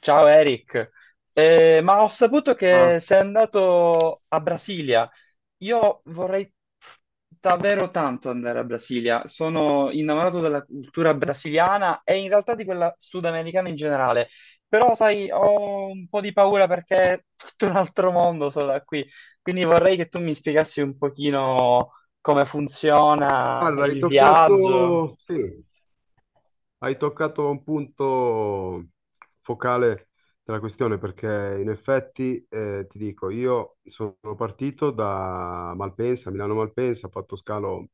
Ciao Eric. Ma ho saputo Ah, che sei andato a Brasilia. Io vorrei davvero tanto andare a Brasilia. Sono innamorato della cultura brasiliana e in realtà di quella sudamericana in generale. Però, sai, ho un po' di paura perché è tutto un altro mondo solo da qui. Quindi vorrei che tu mi spiegassi un pochino come funziona guarda, hai il viaggio. toccato, sì, Hai toccato un punto focale della questione perché in effetti ti dico, io sono partito da Malpensa, Milano Malpensa, ho fatto scalo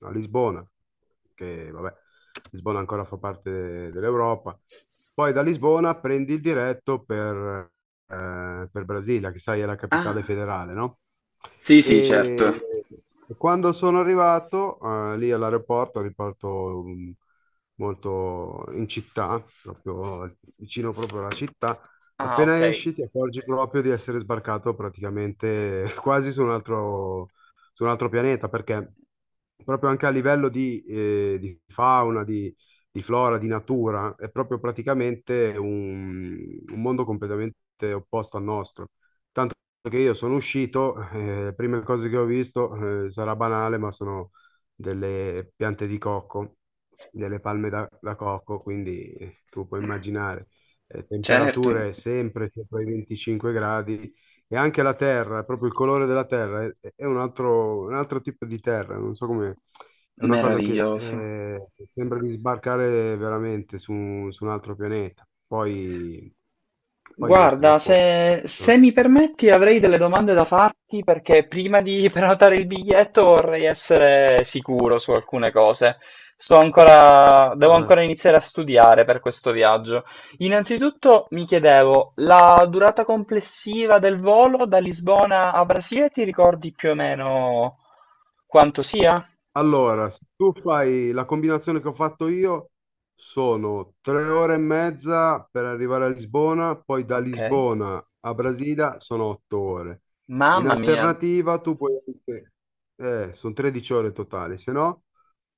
a Lisbona, che vabbè, Lisbona ancora fa parte dell'Europa. Poi da Lisbona prendi il diretto per Brasilia, che sai è la capitale federale, no? E, e quando sono arrivato lì all'aeroporto, aeroporto molto in città, proprio vicino proprio alla città. Ah, ok. Appena esci ti accorgi proprio di essere sbarcato praticamente quasi su un altro pianeta, perché proprio anche a livello di fauna, di flora, di natura, è proprio praticamente un mondo completamente opposto al nostro, che io sono uscito, le prime cose che ho visto, sarà banale, ma sono delle piante di cocco, delle palme da cocco, quindi tu puoi immaginare Certo. temperature sempre sopra i 25 gradi. E anche la terra, proprio il colore della terra è un altro tipo di terra, non so come, è una cosa che Meraviglioso. Sembra di sbarcare veramente su, su un altro pianeta. Poi, poi niente, Guarda, se, Sono se mi permetti avrei delle domande da farti perché prima di prenotare il biglietto vorrei essere sicuro su alcune cose. Sto ancora, devo vai, vai. ancora iniziare a studiare per questo viaggio. Innanzitutto mi chiedevo, la durata complessiva del volo da Lisbona a Brasile, ti ricordi più o meno quanto sia? Allora, se tu fai la combinazione che ho fatto io, sono 3 ore e mezza per arrivare a Lisbona, poi da Ok. Lisbona a Brasilia sono 8 ore. In Mamma mia. alternativa, tu puoi anche, sono 13 ore totali, se no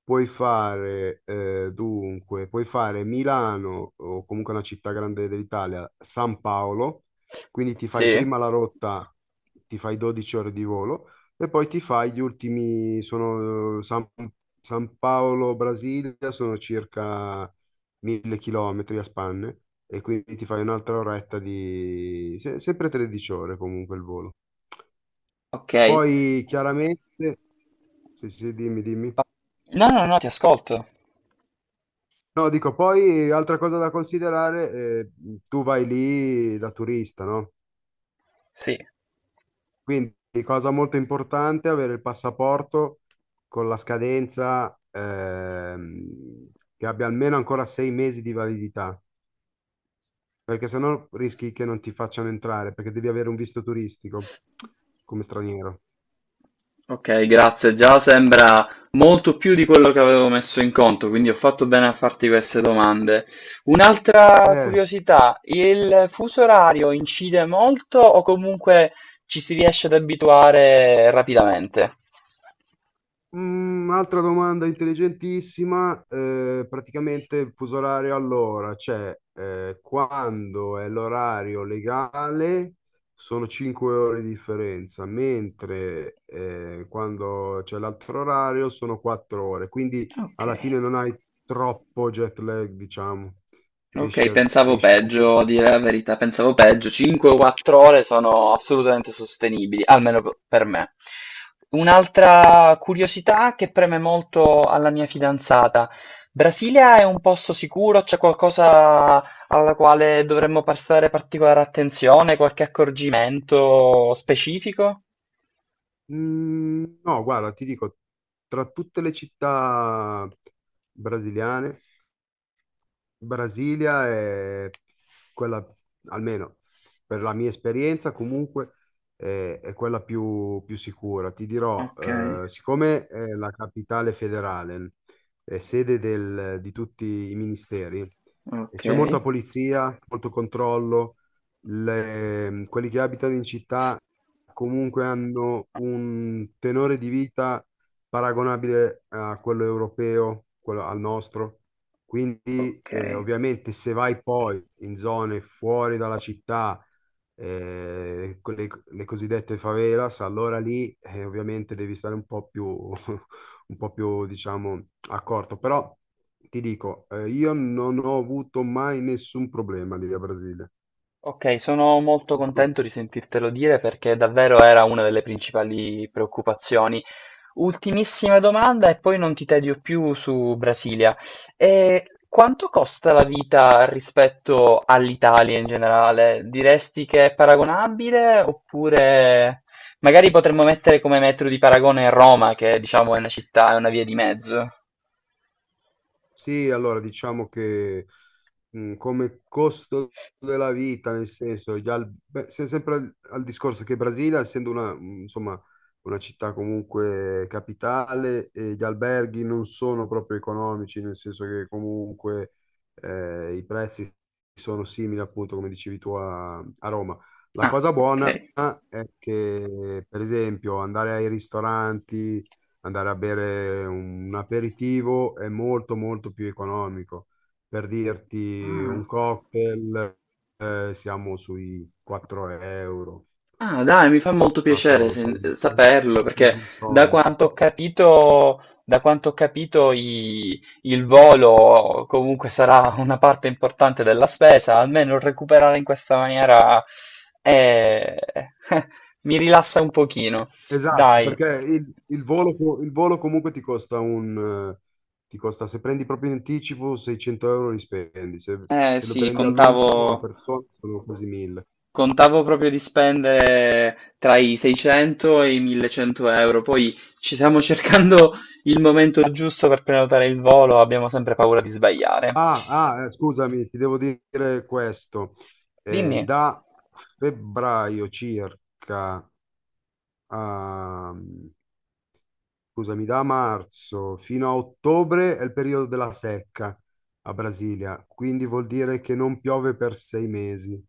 puoi fare, dunque, puoi fare Milano o comunque una città grande dell'Italia, San Paolo, quindi ti fai Sì? prima la rotta, ti fai 12 ore di volo. E poi ti fai gli ultimi, sono San Paolo, Brasilia, sono circa 1000 km a spanne, e quindi ti fai un'altra oretta di, sempre 13 ore comunque il volo. Ok. Poi chiaramente, sì, sì, dimmi, dimmi. Pa- No, no, no, ti ascolto. No, dico, poi altra cosa da considerare, tu vai lì da turista, no? Sì. Quindi, cosa molto importante, avere il passaporto con la scadenza che abbia almeno ancora 6 mesi di validità, perché sennò rischi che non ti facciano entrare, perché devi avere un visto turistico come straniero. Ok, grazie. Già sembra molto più di quello che avevo messo in conto, quindi ho fatto bene a farti queste domande. Un'altra Eh, curiosità, il fuso orario incide molto o comunque ci si riesce ad abituare rapidamente? Mm, altra domanda intelligentissima, praticamente il fuso orario allora, cioè quando è l'orario legale sono 5 ore di differenza, mentre quando c'è l'altro orario sono 4 ore, quindi Ok. alla fine non hai troppo jet lag, diciamo, Okay, pensavo riesci peggio, a comunque. dire la verità, pensavo peggio. 5 o 4 ore sono assolutamente sostenibili, almeno p per me. Un'altra curiosità che preme molto alla mia fidanzata: Brasilia è un posto sicuro? C'è qualcosa alla quale dovremmo prestare particolare attenzione? Qualche accorgimento specifico? Mm, no, guarda, ti dico, tra tutte le città brasiliane Brasilia è quella, almeno per la mia esperienza, comunque è quella più, più sicura. Ti dirò, Okay, siccome è la capitale federale, è sede di tutti i ministeri, e c'è molta okay, polizia, molto controllo, quelli che abitano in città comunque hanno un tenore di vita paragonabile a quello europeo, quello al nostro. Quindi, okay. ovviamente, se vai poi in zone fuori dalla città, con le cosiddette favelas, allora lì, ovviamente, devi stare un po' più, un po' più, diciamo, accorto. Però ti dico, io non ho avuto mai nessun problema lì a Brasile. Ok, sono molto Tutto contento di sentirtelo dire perché davvero era una delle principali preoccupazioni. Ultimissima domanda e poi non ti tedio più su Brasilia. E quanto costa la vita rispetto all'Italia in generale? Diresti che è paragonabile oppure magari potremmo mettere come metro di paragone Roma, che diciamo è una città, è una via di mezzo. Sì, allora diciamo che come costo della vita, nel senso, beh, sempre al, al discorso che Brasilia, essendo una, insomma, una città comunque capitale, e gli alberghi non sono proprio economici, nel senso che comunque i prezzi sono simili, appunto, come dicevi tu a, a Roma. La Ah, cosa ok. buona è che, per esempio, andare ai ristoranti, andare a bere un aperitivo è molto molto più economico. Per dirti Ah. un cocktail, siamo sui 4 euro, Ah, dai, mi fa molto fatto, piacere non so, saperlo, un perché gin da tonic. quanto ho capito, da quanto ho capito il volo comunque sarà una parte importante della spesa, almeno recuperare in questa maniera eh, mi rilassa un pochino. Esatto, Dai, perché il volo, il volo comunque ti costa eh, ti costa, se prendi proprio in anticipo, 600 euro li spendi, se, eh se lo sì, prendi all'ultimo a contavo. persona sono quasi 1000. Contavo proprio di spendere tra i 600 e i 1100 euro, poi ci stiamo cercando il momento giusto per prenotare il volo, abbiamo sempre paura di sbagliare. Ah, ah, scusami, ti devo dire questo. Dimmi. Da febbraio circa, a, scusami, da marzo fino a ottobre è il periodo della secca a Brasilia, quindi vuol dire che non piove per 6 mesi.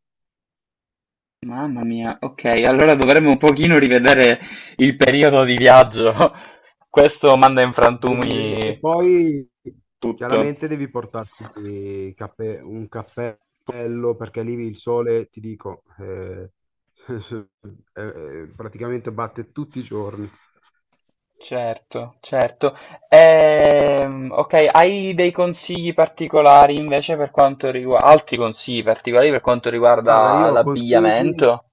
Mamma mia, ok, allora dovremmo un pochino rivedere il periodo di viaggio. Questo manda in E frantumi poi tutto. chiaramente devi portarti un cappello perché lì il sole, ti dico, praticamente batte tutti i giorni. Certo, certo. Ok, hai dei consigli particolari invece per quanto riguarda, altri consigli particolari per quanto Guarda, riguarda l'abbigliamento?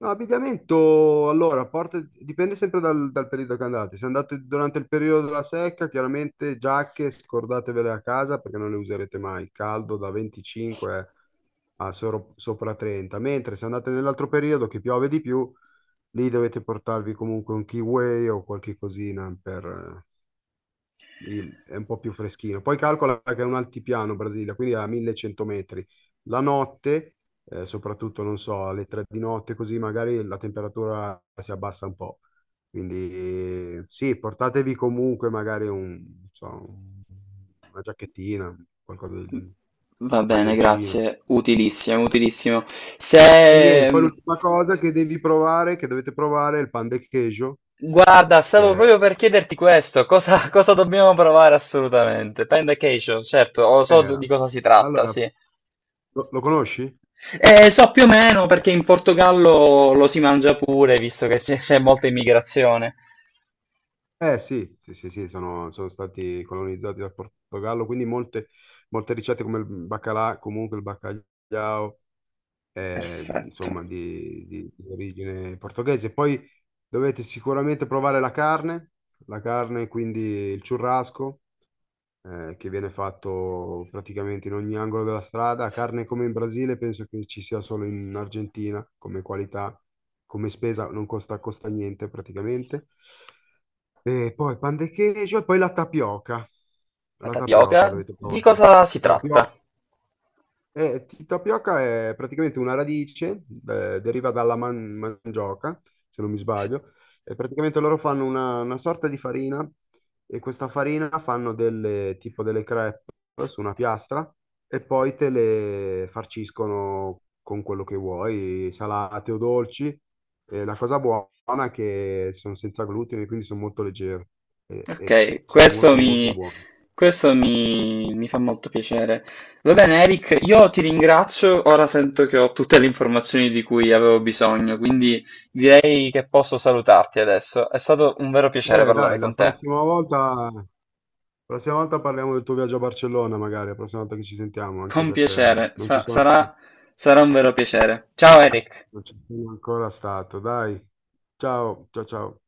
no, abbigliamento, allora, a parte, dipende sempre dal, dal periodo che andate. Se andate durante il periodo della secca, chiaramente giacche scordatevele a casa perché non le userete mai. Il caldo da 25 a sopra 30. Mentre se andate nell'altro periodo che piove di più, lì dovete portarvi comunque un kiwi o qualche cosina per, è un po' più freschino. Poi calcola che è un altipiano Brasilia, quindi a 1100 metri. La notte, soprattutto, non so, alle 3 di notte, così magari la temperatura si abbassa un po'. Quindi sì, portatevi comunque magari un, non so, una giacchettina, qualcosa, un Va bene, maglioncino. grazie. Utilissimo, utilissimo. E niente, poi Se... l'ultima cosa che devi provare, che dovete provare, è il pan de queijo, Guarda, stavo che è... proprio per chiederti questo, cosa, cosa dobbiamo provare assolutamente? Panda Cation, certo, lo so eh, di cosa si tratta, allora, sì. Lo conosci? So più o meno perché in Portogallo lo si mangia pure, visto che c'è molta immigrazione. Eh sì, sì, sì, sì, sono, sono stati colonizzati dal Portogallo, quindi molte, molte ricette come il baccalà, comunque il baccagliao, Perfetto. insomma, di origine portoghese. Poi dovete sicuramente provare la carne, quindi il churrasco, che viene fatto praticamente in ogni angolo della strada. Carne come in Brasile, penso che ci sia solo in Argentina come qualità, come spesa, non costa, costa niente praticamente. E poi pan de queijo e poi la tapioca. La La tapioca tapioca, dovete di provare. cosa si tratta? Tapio- tapioca è praticamente una radice, deriva dalla mangioca, se non mi Sì. sbaglio, e praticamente loro fanno una sorta di farina, e questa farina fanno delle, tipo delle crepe su una piastra, e poi te le farciscono con quello che vuoi, salate o dolci. E la cosa buona è che sono senza glutine, quindi sono molto leggere, e Ok, sono molto molto buone. questo mi, mi fa molto piacere. Va bene, Eric, io ti ringrazio. Ora sento che ho tutte le informazioni di cui avevo bisogno, quindi direi che posso salutarti adesso. È stato un vero piacere parlare Dai, la con te. prossima volta... La prossima volta parliamo del tuo viaggio a Barcellona, magari, la prossima volta che ci sentiamo, anche Con perché piacere, non ci sono ancora, sarà sarà un vero piacere. Ciao Eric. non ci sono ancora stato. Dai, ciao, ciao, ciao.